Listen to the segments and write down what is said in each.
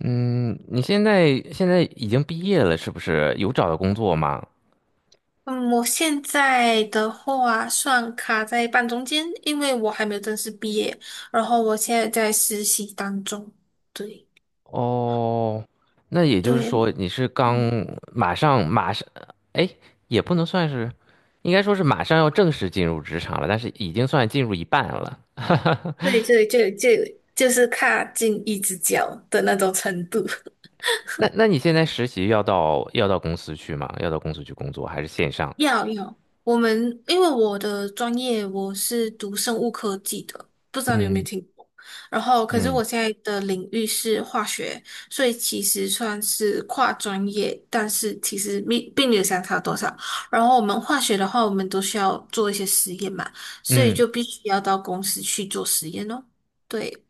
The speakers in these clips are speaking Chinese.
嗯，你现在已经毕业了，是不是？有找到工作吗？嗯，我现在的话算卡在半中间，因为我还没有正式毕业，然后我现在在实习当中。对哦，那也就是对，说你是刚嗯，马上，哎，也不能算是，应该说是马上要正式进入职场了，但是已经算进入一半了。对对对对，就是卡进一只脚的那种程度。那你现在实习要到公司去吗？要到公司去工作还是线上？要要，我们因为我的专业我是读生物科技的，不知道你有没有听过。然后，可是嗯。我现在的领域是化学，所以其实算是跨专业，但是其实并没有相差多少。然后我们化学的话，我们都需要做一些实验嘛，所以嗯，就必须要到公司去做实验哦。对，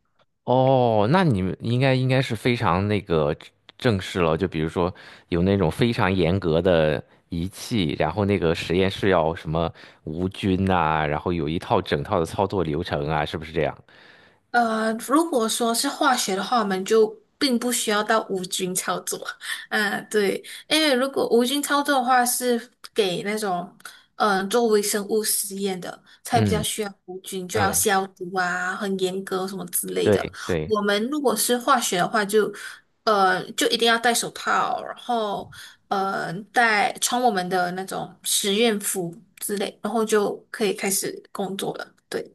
哦，那你们应该是非常那个正式了，就比如说有那种非常严格的仪器，然后那个实验室要什么无菌呐、然后有一套整套的操作流程啊，是不是这样？如果说是化学的话，我们就并不需要到无菌操作。啊，对，因为如果无菌操作的话，是给那种做微生物实验的，才比较嗯。需要无菌，就要嗯，消毒啊，很严格什么之类的。对对我们如果是化学的话就，就一定要戴手套，然后戴穿我们的那种实验服之类，然后就可以开始工作了。对。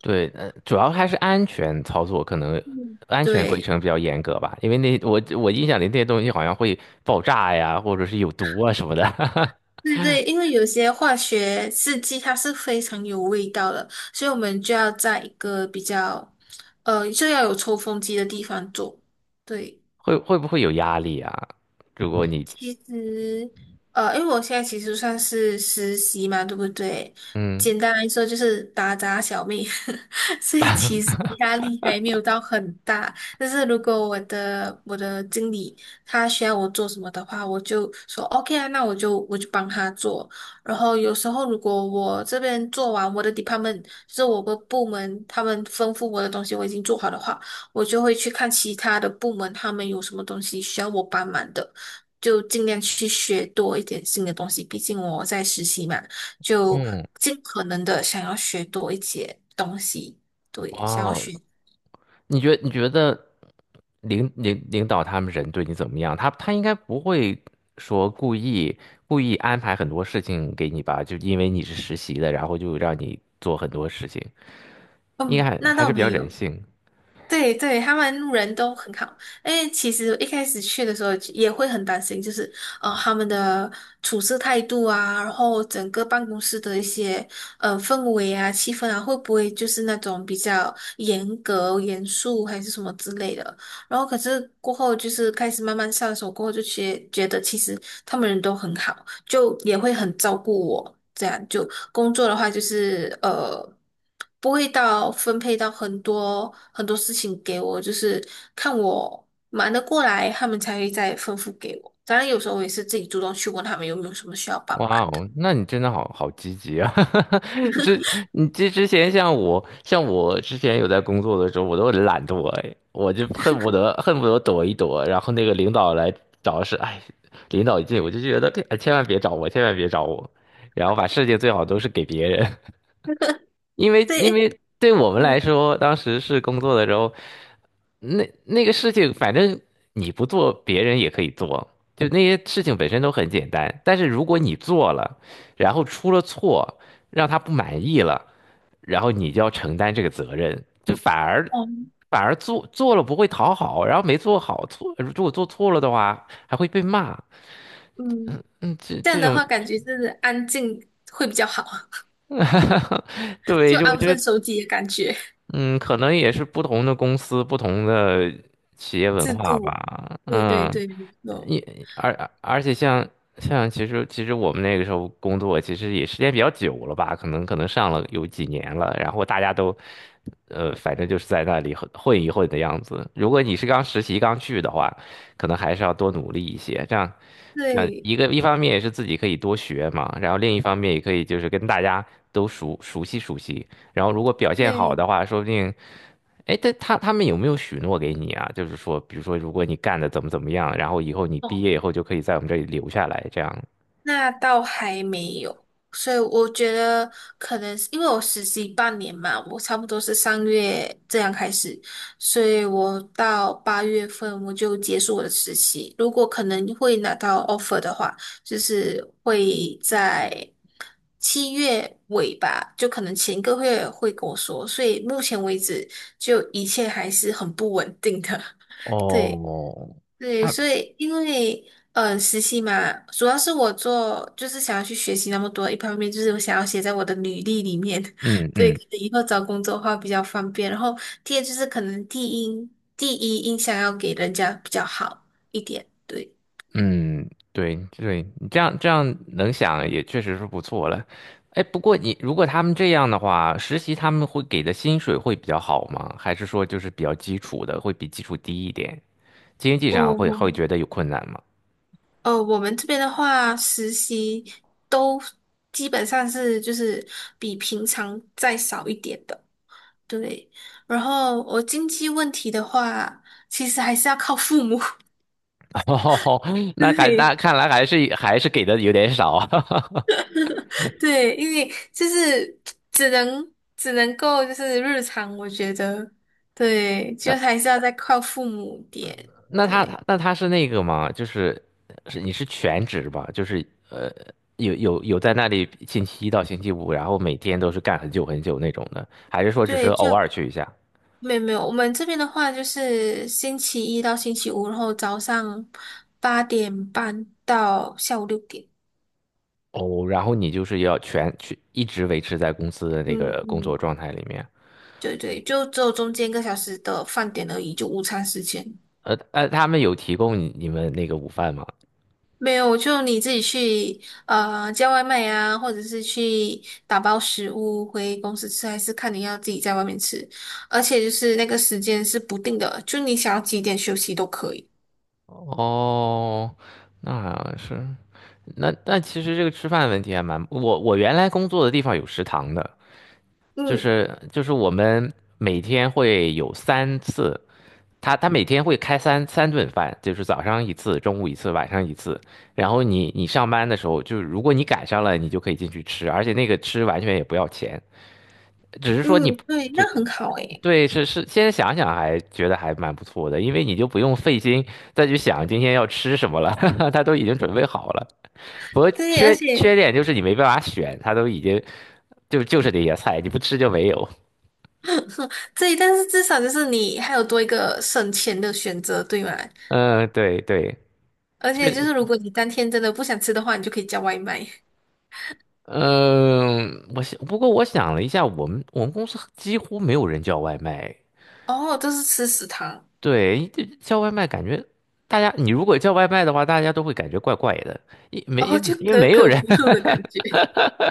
对。呃，主要还是安全操作，可能嗯，安全规对，程比较严格吧，因为那我印象里那些东西好像会爆炸呀，或者是有毒啊什么的。对对，因为有些化学试剂它是非常有味道的，所以我们就要在一个比较，就要有抽风机的地方做。对。会会不会有压力啊？如果你其实，因为我现在其实算是实习嘛，对不对？嗯。简单来说就是打杂小妹，所以其实压力还没有到很大。但是如果我的经理他需要我做什么的话，我就说 OK 啊，那我就帮他做。然后有时候如果我这边做完我的 department,就是我的部门，他们吩咐我的东西我已经做好的话，我就会去看其他的部门他们有什么东西需要我帮忙的。就尽量去学多一点新的东西，毕竟我在实习嘛，就嗯。尽可能的想要学多一些东西，对，想要哦，学。你觉得领导他们人对你怎么样？他他应该不会说故意安排很多事情给你吧？就因为你是实习的，然后就让你做很多事情，应该嗯，还那还倒是比没较人有。性。对对，他们路人都很好。哎，其实一开始去的时候也会很担心，就是他们的处事态度啊，然后整个办公室的一些氛围啊、气氛啊，会不会就是那种比较严格、严肃还是什么之类的？然后可是过后就是开始慢慢上手过后，就觉得其实他们人都很好。就也会很照顾我。这样就工作的话，就是不会到分配到很多很多事情给我，就是看我忙得过来，他们才会再吩咐给我。当然，有时候我也是自己主动去问他们有没有什么需要帮忙哇的。哦，那你真的好积极啊！之你之前像我，像我之前有在工作的时候，我都很懒惰，哎，我就恨不得躲一躲，然后那个领导来找是，哎，领导一进我就觉得，哎，千万别找我，千万别找我，然后把事情最好都是给别人。因为因对，为对我们嗯，来说，当时是工作的时候，那个事情，反正你不做，别人也可以做。就那些事情本身都很简单，但是如果你做了，然后出了错，让他不满意了，然后你就要承担这个责任。就反而哦，反而做了不会讨好，然后没做好错，如果做错了的话还会被骂。嗯，嗯，这这样这的种话感觉就是安静会比较好，对，就就我安觉分得守己的感觉，嗯，可能也是不同的公司、不同的企业文制化度。吧。对对嗯，对，没错也而而且像像其实我们那个时候工作，其实也时间比较久了吧，可能上了有几年了。然后大家都，呃，反正就是在那里混一混的样子。如果你是刚实习刚去的话，可能还是要多努力一些。这样，这样对一方面也是自己可以多学嘛，然后另一方面也可以就是跟大家都熟悉熟悉。然后如果表现好对。的话，说不定，哎，但他们有没有许诺给你啊？就是说，比如说，如果你干的怎么怎么样，然后以后你毕哦。业以后就可以在我们这里留下来，这样。那倒还没有，所以我觉得可能是因为我实习半年嘛，我差不多是上月这样开始，所以我到8月份我就结束我的实习。如果可能会拿到 offer 的话，就是会在7月尾吧，就可能前个月会跟我说。所以目前为止，就一切还是很不稳定的。对。哦，对，他所以因为实习嘛，主要是我做就是想要去学习那么多，一方面就是我想要写在我的履历里面，嗯。 对，可嗯。能以后找工作的话比较方便。然后第二就是可能第一印象要给人家比较好一点，对。嗯，对对，你这样能想也确实是不错了。哎，不过你如果他们这样的话，实习他们会给的薪水会比较好吗？还是说就是比较基础的，会比基础低一点？经济上会我会觉得有困难吗？我们这边的话，实习都基本上是就是比平常再少一点的，对。然后我经济问题的话，其实还是要靠父母。哦，那对 看来还是给的有点少啊。对，因为就是只能够就是日常，我觉得对，就 还是要再靠父母点，那他对他那他是那个吗？就是是你是全职吧？就是呃，有在那里星期一到星期五，然后每天都是干很久那种的，还是说只是对，偶就尔去一下？没有没有，我们这边的话就是星期一到星期五，然后早上8:30到下午6点，哦，然后你就是要全去一直维持在公司的那嗯个工作嗯，状态里面。对对，就只有中间1个小时的饭点而已，就午餐时间。呃。呃，他们有提供你们那个午饭吗？没有，就你自己去叫外卖啊，或者是去打包食物回公司吃，还是看你要自己在外面吃。而且就是那个时间是不定的，就你想要几点休息都可以。哦，那是那，那其实这个吃饭问题还蛮，我原来工作的地方有食堂的。就嗯是就是我们每天会有三次，他他每天会开三顿饭，就是早上一次，中午一次，晚上一次。然后你上班的时候，就是如果你赶上了，你就可以进去吃，而且那个吃完全也不要钱，只是说你嗯，对，那只很好诶。对是是。现在想想还觉得还蛮不错的，因为你就不用费心再去想今天要吃什么了，他都已经准备好了。不过对，而缺缺且 点就是你没办法选，他都已经就是那些菜，你不吃就没有。对，但是至少就是你还有多一个省钱的选择，对吗？嗯，对对。而且对，就是如果你当天真的不想吃的话，你就可以叫外卖。嗯，我想，不过我想了一下，我们公司几乎没有人叫外卖。哦，都是吃食堂，对，这叫外卖感觉大家，你如果叫外卖的话，大家都会感觉怪怪的，因没哦，因为就因为可没有可人。 不吐的感觉。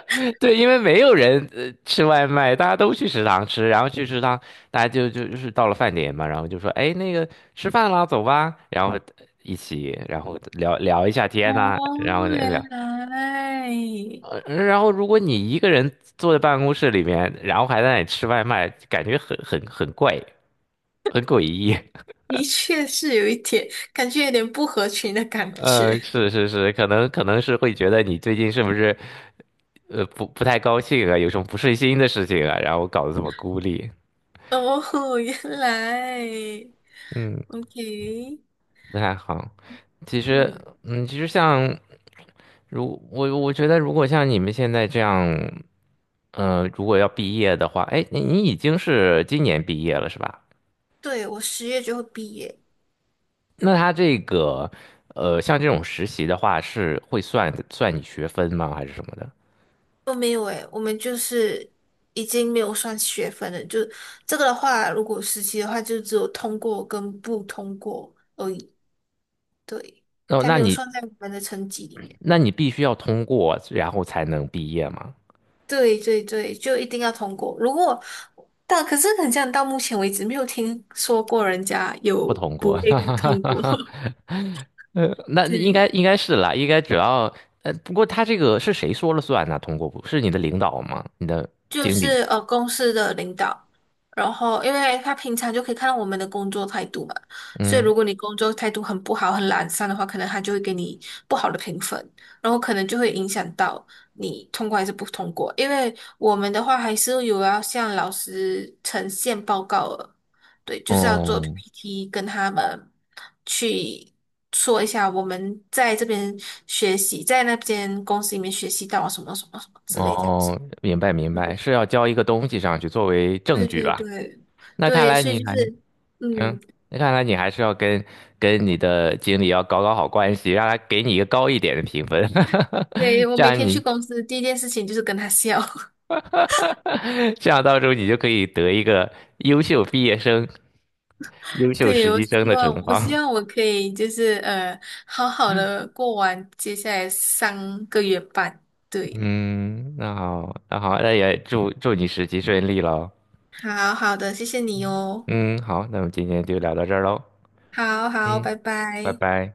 对，因为没有人呃吃外卖，大家都去食堂吃，然后去食堂，大家就到了饭点嘛，然后就说，哎，那个吃饭啦，走吧，然后一起，然后聊一下天呐、哦，然后原聊。来呃，然后如果你一个人坐在办公室里面，然后还在那里吃外卖，感觉很怪，很诡异。的确是有一点，感觉有点不合群的 感呃，觉。是是是，可能是会觉得你最近是不是呃不太高兴啊，有什么不顺心的事情啊，然后搞得这么孤立，哦，原来嗯，，OK,不太好。其实，嗯，嗯，其实像如我觉得，如果像你们现在这样，呃，如果要毕业的话，哎，你已经是今年毕业了是吧？对，我10月就会毕业。那他这个，呃，像这种实习的话，是会算你学分吗？还是什么的？哦，没有诶，我们就是已经没有算学分了。就这个的话，如果实习的话，就只有通过跟不通过而已。对，哦，它那没有你，算在我们的成绩里面。那你必须要通过，然后才能毕业吗？对对对，就一定要通过。如果但可是很像到目前为止没有听说过人家不有通不过，被通过。那应对，该应该是啦，应该只要，呃，不过他这个是谁说了算呢？通过不是你的领导吗？你的就经理？是公司的领导，然后因为他平常就可以看到我们的工作态度嘛，所以如果你工作态度很不好、很懒散的话，可能他就会给你不好的评分，然后可能就会影响到你通过还是不通过。因为我们的话还是有要向老师呈现报告的，对，就是要做 哦。 PPT 跟他们去。说一下我们在这边学习，在那边公司里面学习到什么什么什么之哦，类这样子。哦明白明白，对。是要交一个东西上去作为证对据对吧？对那看对，来所你以就还。是，嗯，嗯，那看来你还是要跟跟你的经理要搞好关系，让他给你一个高一点的评分。对，我这每样天去你， 公司第一件事情就是跟他笑。这样到时候你就可以得一个优秀毕业生、优秀对，实我习生希的望，称我希号。望我可以就是好好的过完接下来3个月半。对，嗯，那好，那好，那也祝你实习顺利喽。好好的，谢谢你哦。嗯，好，那我们今天就聊到这儿喽。好好，嗯，拜拜拜。拜。